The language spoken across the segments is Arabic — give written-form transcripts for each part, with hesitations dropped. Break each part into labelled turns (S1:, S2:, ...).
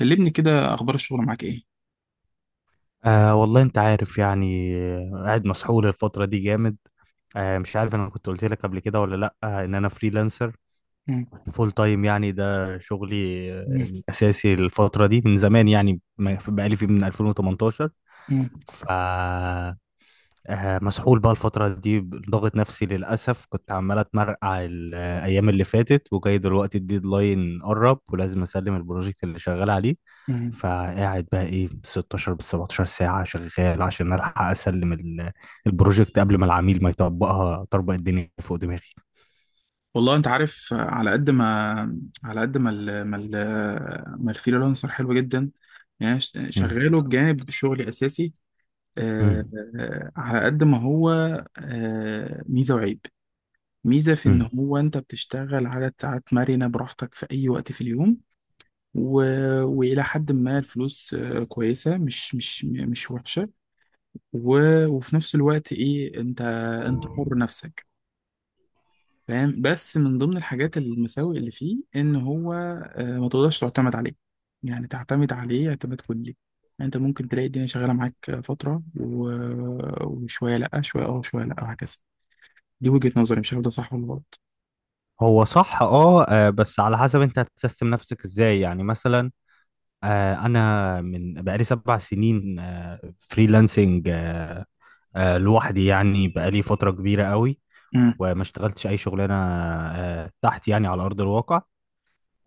S1: كلمني كده، اخبار الشغل معاك ايه؟
S2: آه والله انت عارف يعني قاعد مسحول الفترة دي جامد. مش عارف، انا كنت قلت لك قبل كده ولا لا، ان انا فريلانسر
S1: مم.
S2: فول تايم، يعني ده شغلي
S1: مم.
S2: الاساسي. الفترة دي من زمان، يعني بقالي فيه من 2018.
S1: مم.
S2: ف مسحول بقى الفترة دي بضغط نفسي للأسف. كنت عمال أتمرقع الأيام اللي فاتت وجاي، دلوقتي الديدلاين قرب ولازم أسلم البروجكت اللي شغال عليه.
S1: مم.
S2: فقاعد بقى إيه 16 بال 17 ساعة شغال عشان ألحق أسلم البروجكت قبل ما العميل ما يطبقها طربق الدنيا فوق دماغي.
S1: والله انت عارف، على قد ما على قد ما ال... ما ال... الفريلانسر حلو جدا. يعني أنا
S2: مم.
S1: شغاله بجانب شغلي اساسي. آه...
S2: مم.
S1: على قد ما هو ميزه وعيب. ميزه في ان
S2: مم.
S1: هو انت بتشتغل عدد ساعات مرنه براحتك في اي وقت في اليوم، و... والى حد ما الفلوس كويسه، مش وحشه. و... وفي نفس الوقت ايه، انت انت حر نفسك، فاهم؟ بس من ضمن الحاجات المساوئ اللي فيه ان هو ما تقدرش تعتمد عليه، يعني تعتمد عليه اعتماد كلي. يعني انت ممكن تلاقي الدنيا شغاله معاك فتره وشويه لا، شويه اه، شويه لا، وهكذا. دي وجهه نظري، مش عارف ده صح ولا غلط.
S2: هو صح، بس على حسب انت هتسيستم نفسك ازاي. يعني مثلا انا من بقالي 7 سنين فريلانسنج، لوحدي، يعني بقالي فترة كبيرة قوي.
S1: امم
S2: وما اشتغلتش أي شغلانة تحت يعني على أرض الواقع.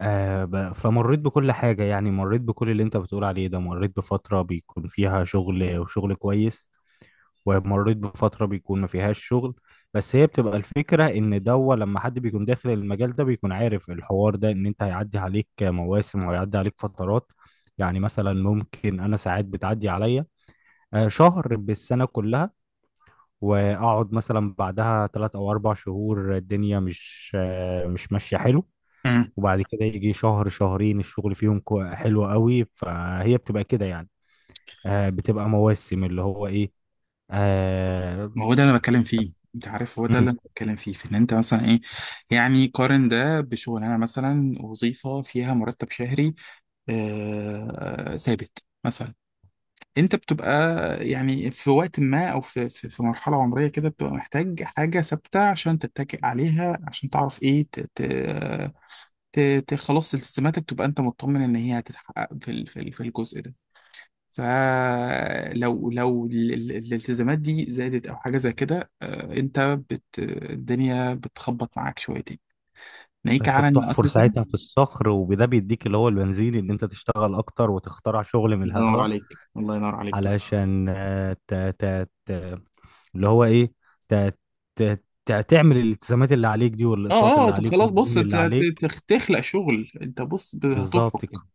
S2: فمريت بكل حاجة، يعني مريت بكل اللي أنت بتقول عليه ده. مريت بفترة بيكون فيها شغل وشغل كويس، ومريت بفترة بيكون ما فيهاش شغل. بس هي بتبقى الفكرة إن دوا لما حد بيكون داخل المجال ده بيكون عارف الحوار ده، إن أنت هيعدي عليك مواسم وهيعدي عليك فترات. يعني مثلا ممكن أنا ساعات بتعدي عليا شهر بالسنة كلها، واقعد مثلا بعدها 3 او 4 شهور الدنيا مش ماشيه حلو.
S1: امم
S2: وبعد كده يجي شهر شهرين الشغل فيهم حلو قوي، فهي بتبقى كده يعني. بتبقى مواسم اللي هو ايه آه،
S1: ما هو ده اللي انا بتكلم فيه، انت عارف هو ده
S2: مم.
S1: اللي انا بتكلم فيه، في ان انت مثلا ايه، يعني قارن ده بشغلانه مثلا، وظيفه فيها مرتب شهري ثابت مثلا. انت بتبقى يعني في وقت ما او في في مرحله عمريه كده بتبقى محتاج حاجه ثابته عشان تتكئ عليها، عشان تعرف ايه ت خلاص التزاماتك تبقى انت مطمن ان هي هتتحقق في الجزء ده. فلو الالتزامات دي زادت او حاجه زي كده، انت الدنيا بتخبط معاك شويتين، ناهيك
S2: بس
S1: على ان
S2: بتحفر
S1: اساسا
S2: ساعتها
S1: الله
S2: في الصخر، وده بيديك اللي هو البنزين، ان انت تشتغل اكتر وتخترع شغل من
S1: ينور
S2: الهوا،
S1: عليك، الله ينور عليك بالظبط.
S2: علشان آه، ت ت ت اللي هو ايه ت تعمل الالتزامات اللي عليك دي، والاقساط
S1: اه
S2: اللي
S1: طب
S2: عليك،
S1: خلاص، بص،
S2: والديون اللي عليك.
S1: تخلق شغل. انت بص،
S2: بالظبط كده.
S1: هتفرق.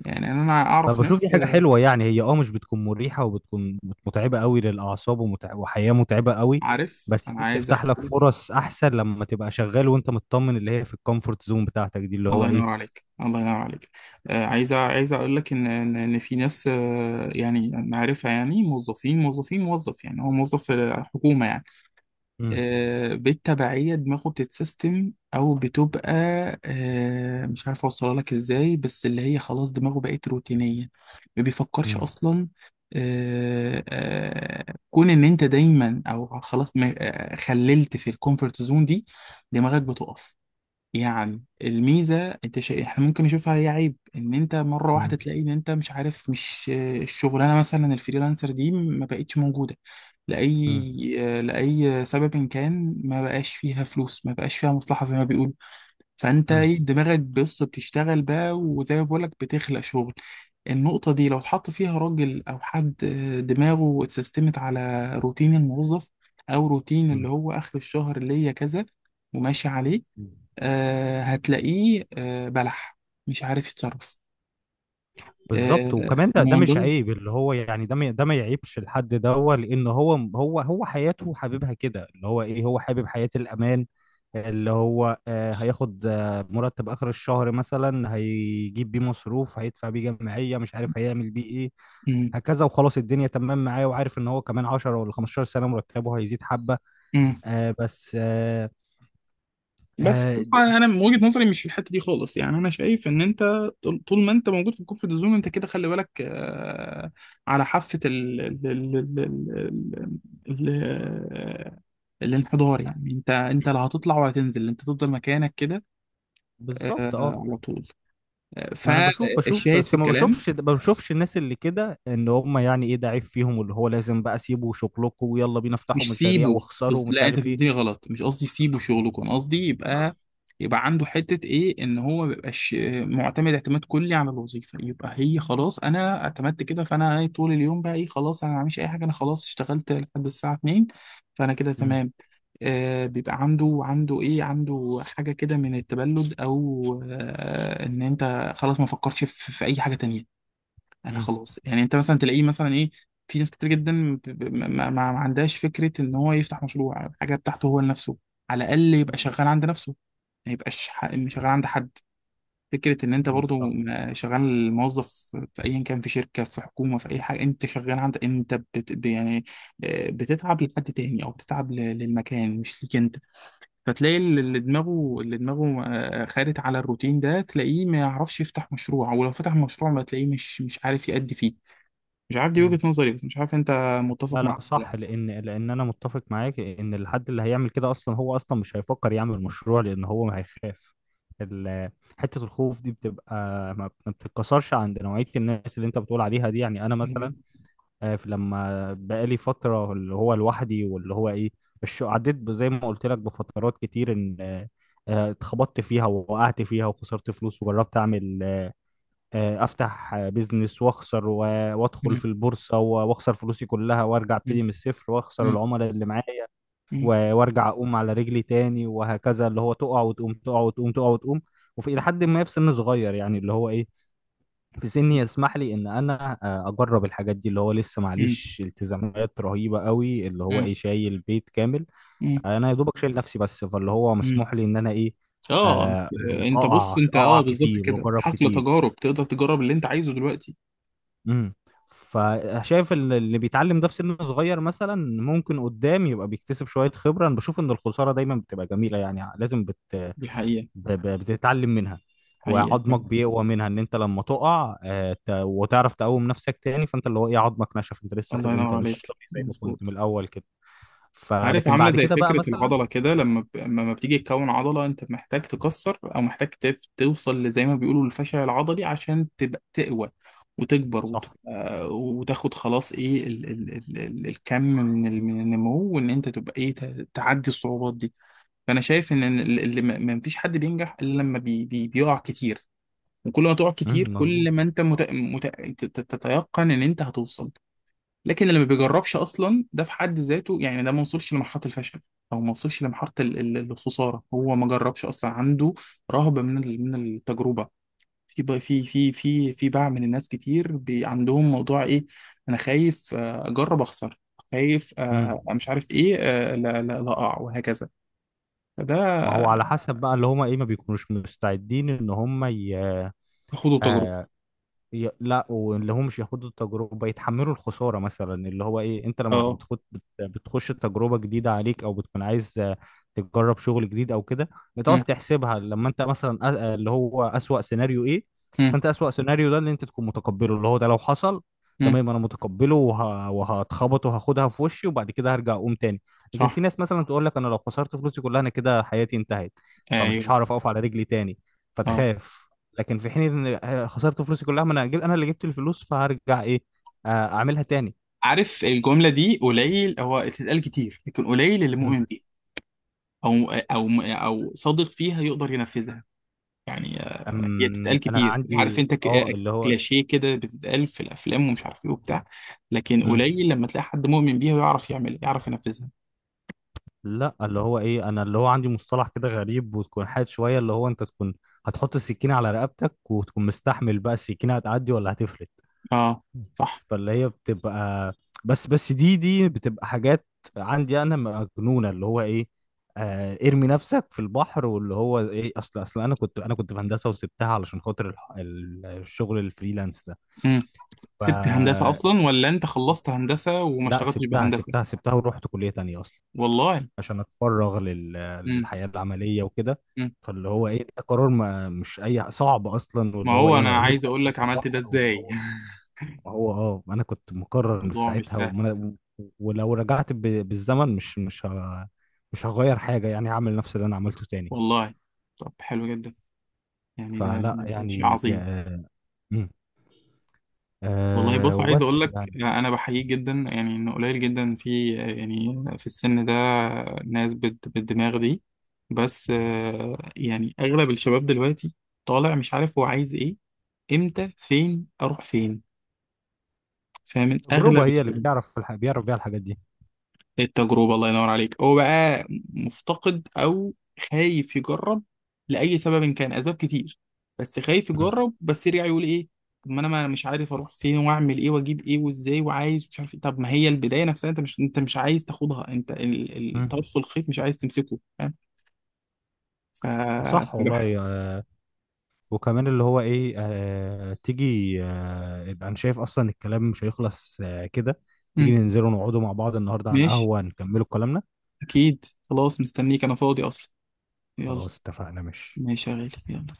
S1: يعني انا اعرف
S2: فبشوف دي
S1: ناس
S2: حاجة حلوة، يعني هي مش بتكون مريحة، وبتكون متعبة قوي للأعصاب، وحياة متعبة قوي.
S1: عارف
S2: بس
S1: انا
S2: دي
S1: عايز
S2: بتفتح
S1: احكي
S2: لك
S1: لك.
S2: فرص أحسن لما تبقى شغال وأنت مطمن، اللي هي في الكومفورت زون بتاعتك دي، اللي هو
S1: الله
S2: إيه.
S1: ينور عليك، الله ينور عليك. عايز اقول لك ان إن في ناس يعني معرفه، يعني موظف، يعني هو موظف في حكومه يعني.
S2: مم.
S1: بالتبعية دماغه بتتسيستم أو بتبقى مش عارف أوصلها لك إزاي، بس اللي هي خلاص دماغه بقت روتينية، ما بيفكرش
S2: مم.
S1: أصلا. كون إن أنت دايما أو خلاص خللت في الكومفورت زون دي دماغك بتقف. يعني الميزة انت احنا ممكن نشوفها هي عيب، ان انت مرة واحدة
S2: مم.
S1: تلاقي ان انت مش عارف، مش الشغلانة مثلا الفريلانسر دي ما بقتش موجودة
S2: مم.
S1: لأي لأي سبب إن كان، ما بقاش فيها فلوس، ما بقاش فيها مصلحة زي ما بيقولوا. فانت ايه، دماغك بص بتشتغل بقى، وزي ما بقولك بتخلق شغل. النقطة دي لو اتحط فيها راجل أو حد دماغه اتسيستمت على روتين الموظف أو روتين اللي
S2: مم.
S1: هو آخر الشهر اللي هي كذا وماشي عليه،
S2: مم.
S1: آه هتلاقيه آه بلح، مش عارف يتصرف.
S2: بالظبط،
S1: آه،
S2: وكمان ده
S1: ومن
S2: مش
S1: ضمن.
S2: عيب، اللي هو يعني ده ما يعيبش الحد ده هو، لان هو حياته حاببها كده، اللي هو ايه هو حابب حياة الامان. اللي هو هياخد مرتب اخر الشهر مثلا، هيجيب بيه مصروف، هيدفع بيه جمعية، مش عارف هيعمل بيه ايه،
S1: مم.
S2: هكذا وخلاص الدنيا تمام معاه. وعارف ان هو كمان 10 ولا 15 سنة مرتبه هيزيد حبة.
S1: مم.
S2: بس. آه
S1: بس
S2: د-
S1: بصراحة أنا من وجهة نظري مش في الحتة دي خالص. يعني أنا شايف إن أنت طول، طول ما أنت موجود في الكومفورت زون أنت كده خلي بالك، آه، على حافة ال ال ال ال ال ال الانحدار. يعني أنت، أنت لا هتطلع ولا تنزل، أنت تفضل مكانك كده آه،
S2: بالظبط
S1: على طول.
S2: ما انا بشوف، بشوف
S1: فالشاهد
S2: بس
S1: في
S2: ما
S1: الكلام،
S2: بشوفش ما بشوفش الناس اللي كده، ان هم يعني ايه ده عيب فيهم اللي هو لازم بقى سيبوا شغلكم ويلا بينا افتحوا
S1: مش
S2: مشاريع
S1: سيبه
S2: واخسروا ومش
S1: لا انت
S2: عارف ايه.
S1: فهمتني غلط، مش قصدي سيبه شغلكم، انا قصدي يبقى، يبقى عنده حتة ايه، ان هو ما يبقاش معتمد اعتماد كلي على الوظيفة، يبقى هي خلاص انا اعتمدت كده فانا إيه طول اليوم بقى ايه، خلاص انا ما بعملش اي حاجة، انا خلاص اشتغلت لحد الساعة 2 فانا كده
S2: مم.
S1: تمام. آه بيبقى عنده، عنده ايه، عنده حاجة كده من التبلد او آه ان انت خلاص ما فكرش في اي حاجة تانية، انا
S2: مم.
S1: خلاص. يعني انت مثلا تلاقيه مثلا ايه، في ناس كتير جدا ما عندهاش فكره ان هو يفتح مشروع، حاجه بتاعته هو لنفسه، على الاقل يبقى
S2: مم.
S1: شغال عند نفسه، ما يبقاش شغال عند حد. فكره ان انت
S2: مم.
S1: برضو
S2: صح.
S1: شغال موظف في ايا كان، في شركه في حكومه في اي حاجه، انت شغال عند، انت يعني بتتعب لحد تاني او بتتعب للمكان، مش ليك انت. فتلاقي اللي دماغه خارج على الروتين ده تلاقيه ما يعرفش يفتح مشروع، ولو فتح مشروع ما تلاقيه مش عارف يأدي فيه. مش عارف، دي
S2: مم.
S1: وجهة نظري، بس مش عارف انت متفق
S2: لا
S1: معاها
S2: لا
S1: ولا
S2: صح،
S1: لا.
S2: لان انا متفق معاك ان الحد اللي هيعمل كده اصلا هو اصلا مش هيفكر يعمل مشروع، لان هو ما هيخاف. ال- حته الخوف دي بتبقى ما بتتكسرش عند نوعيه الناس اللي انت بتقول عليها دي. يعني انا مثلا
S1: مم.
S2: لما بقالي فترة اللي هو لوحدي واللي هو ايه، عديت زي ما قلت لك بفترات كتير، ان اتخبطت فيها ووقعت فيها وخسرت فلوس، وجربت اعمل افتح بيزنس واخسر وادخل في
S1: مم.
S2: البورصة واخسر فلوسي كلها وارجع
S1: مم.
S2: ابتدي من الصفر واخسر
S1: مم.
S2: العملاء اللي معايا،
S1: مم.
S2: وارجع اقوم على رجلي تاني، وهكذا اللي هو تقع وتقوم، تقع وتقوم، تقع وتقوم. وفي إلى حد ما في سن صغير يعني اللي هو ايه، في سني يسمح لي ان انا اجرب الحاجات دي، اللي هو لسه معليش التزامات رهيبه قوي، اللي هو
S1: مم.
S2: ايه شايل بيت كامل.
S1: مم.
S2: انا يا دوبك شايل نفسي بس، فاللي هو
S1: مم.
S2: مسموح لي ان انا ايه
S1: اه،
S2: آه،
S1: انت بص،
S2: اقع
S1: انت اه
S2: اقع
S1: بالظبط
S2: كتير
S1: كده
S2: واجرب
S1: حقل
S2: كتير.
S1: تجارب، تقدر تجرب اللي انت عايزه دلوقتي.
S2: امم. فشايف اللي بيتعلم ده في سن صغير مثلا، ممكن قدام يبقى بيكتسب شويه خبره. انا بشوف ان الخساره دايما بتبقى جميله، يعني لازم
S1: دي حقيقة،
S2: بتتعلم منها.
S1: حقيقة
S2: وعظمك
S1: فعلا.
S2: بيقوى منها، ان انت لما تقع وتعرف تقوم نفسك تاني، فانت اللي هو ايه عظمك نشف، انت لسه
S1: الله
S2: انت
S1: ينور
S2: مش
S1: عليك،
S2: طبيعي زي ما كنت من
S1: مظبوط.
S2: الاول كده.
S1: عارف،
S2: فلكن
S1: عاملة
S2: بعد
S1: زي
S2: كده بقى
S1: فكرة
S2: مثلا.
S1: العضلة كده، لما بتيجي تكون عضلة انت محتاج تكسر او محتاج توصل لزي ما بيقولوا الفشل العضلي عشان تبقى تقوى وتكبر
S2: صح.
S1: وتبقى وتاخد خلاص ايه الكم من من النمو، وان انت تبقى ايه تعدي الصعوبات دي. فانا شايف ان اللي ما فيش حد بينجح الا لما بيقع كتير، وكل ما تقع
S2: مم،
S1: كتير
S2: مظبوط.
S1: كل ما انت تتيقن ان انت هتوصل. لكن اللي ما بيجربش اصلا ده في حد ذاته، يعني ده ما وصلش لمرحله الفشل او ما وصلش لمرحله الخساره، هو ما جربش اصلا، عنده رهبه من من التجربه. في بقى- في في في في باع من الناس كتير بي عندهم موضوع ايه، انا خايف اجرب اخسر، خايف
S2: مم.
S1: مش عارف ايه، لا اقع، وهكذا. فده
S2: ما هو على حسب بقى اللي هما ايه، ما بيكونوش مستعدين ان هما
S1: خدوا تجربه،
S2: آه، لا، واللي هم مش ياخدوا التجربة يتحملوا الخسارة مثلا، اللي هو ايه انت لما
S1: اه.
S2: بتخد بتخش تجربة جديدة عليك، او بتكون عايز تجرب شغل جديد او كده، بتقعد
S1: مم.
S2: تحسبها لما انت مثلا اللي هو أسوأ سيناريو ايه.
S1: مم.
S2: فانت أسوأ سيناريو ده اللي انت تكون متقبله، اللي هو ده لو حصل،
S1: مم.
S2: تمام، انا متقبله، وهتخبط وهاخدها في وشي وبعد كده هرجع اقوم تاني. لكن في
S1: صح،
S2: ناس مثلا تقول لك انا لو خسرت فلوسي كلها انا كده حياتي انتهت، فمش
S1: ايوه،
S2: هعرف اقف على رجلي تاني،
S1: اه.
S2: فتخاف. لكن في حين ان خسرت فلوسي كلها، ما انا انا اللي جبت الفلوس، فهرجع ايه اعملها تاني.
S1: عارف الجمله دي قليل هو تتقال كتير لكن قليل اللي
S2: مم.
S1: مؤمن بيها، او صادق فيها يقدر ينفذها. يعني هي بتتقال
S2: انا
S1: كتير، عارف
S2: عندي
S1: انت،
S2: اللي هو.
S1: كلاشيه كده، بتتقال في الافلام ومش عارف ايه وبتاع، لكن
S2: مم.
S1: قليل لما تلاقي حد مؤمن بيها ويعرف يعمل، يعرف ينفذها.
S2: لا، اللي هو ايه انا اللي هو عندي مصطلح كده غريب وتكون حاد شويه، اللي هو انت تكون هتحط السكينه على رقبتك وتكون مستحمل، بقى السكينه هتعدي ولا هتفلت.
S1: اه صح.
S2: فاللي هي بتبقى، بس دي بتبقى حاجات عندي انا مجنونه اللي هو ايه. ارمي نفسك في البحر، واللي هو ايه، اصل انا كنت، في هندسه وسبتها علشان خاطر الشغل الفريلانس ده.
S1: امم.
S2: ف
S1: سبت هندسه اصلا ولا انت خلصت هندسه وما
S2: لا،
S1: اشتغلتش بهندسه؟
S2: سبتها ورحت كليه تانية اصلا،
S1: والله.
S2: عشان اتفرغ
S1: امم.
S2: للحياه العمليه وكده.
S1: أمم.
S2: فاللي هو ايه ده قرار ما مش اي صعب اصلا،
S1: ما
S2: واللي هو
S1: هو
S2: ايه انا
S1: انا
S2: رميت
S1: عايز اقول
S2: نفسي
S1: لك
S2: في
S1: عملت ده
S2: البحر واللي
S1: ازاي؟
S2: هو. ما هو انا كنت مقرر من
S1: الموضوع مش
S2: ساعتها
S1: سهل.
S2: وما. ولو رجعت بالزمن مش هغير حاجه، يعني هعمل نفس اللي انا عملته تاني.
S1: والله. طب حلو جدا، يعني ده
S2: فلا
S1: ده ده شيء
S2: يعني جا...
S1: عظيم.
S2: آه، مم.
S1: والله بص، عايز اقول
S2: وبس
S1: لك
S2: يعني.
S1: انا بحييك جدا، يعني انه قليل جدا في، يعني في السن ده ناس بالدماغ دي. بس يعني اغلب الشباب دلوقتي طالع مش عارف هو عايز ايه، امتى، فين، اروح فين، فاهم، اغلب
S2: التجربه هي اللي
S1: الشباب.
S2: بتعرف، بيعرف بيها الحاجات دي.
S1: التجربة، الله ينور عليك. هو بقى مفتقد أو خايف يجرب لأي سبب كان، أسباب كتير، بس خايف
S2: مم.
S1: يجرب، بس يرجع يقول إيه، طب ما أنا، ما مش عارف أروح فين، وأعمل إيه، وأجيب إيه، وإزاي، وعايز مش عارف إيه. طب ما هي البداية نفسها أنت مش عايز تاخدها، أنت
S2: مم.
S1: الطرف الخيط مش عايز تمسكه، فاهم؟ ف
S2: صح
S1: فبح-
S2: والله. وكمان اللي هو ايه تيجي يبقى انا شايف اصلا الكلام مش هيخلص كده، تيجي
S1: مم.
S2: ننزلوا نقعدوا مع بعض النهارده على
S1: ماشي،
S2: القهوه نكملوا كلامنا.
S1: أكيد، خلاص مستنيك، أنا فاضي أصلا. يلا،
S2: خلاص اتفقنا، ماشي.
S1: ماشي يا غالي، يلا.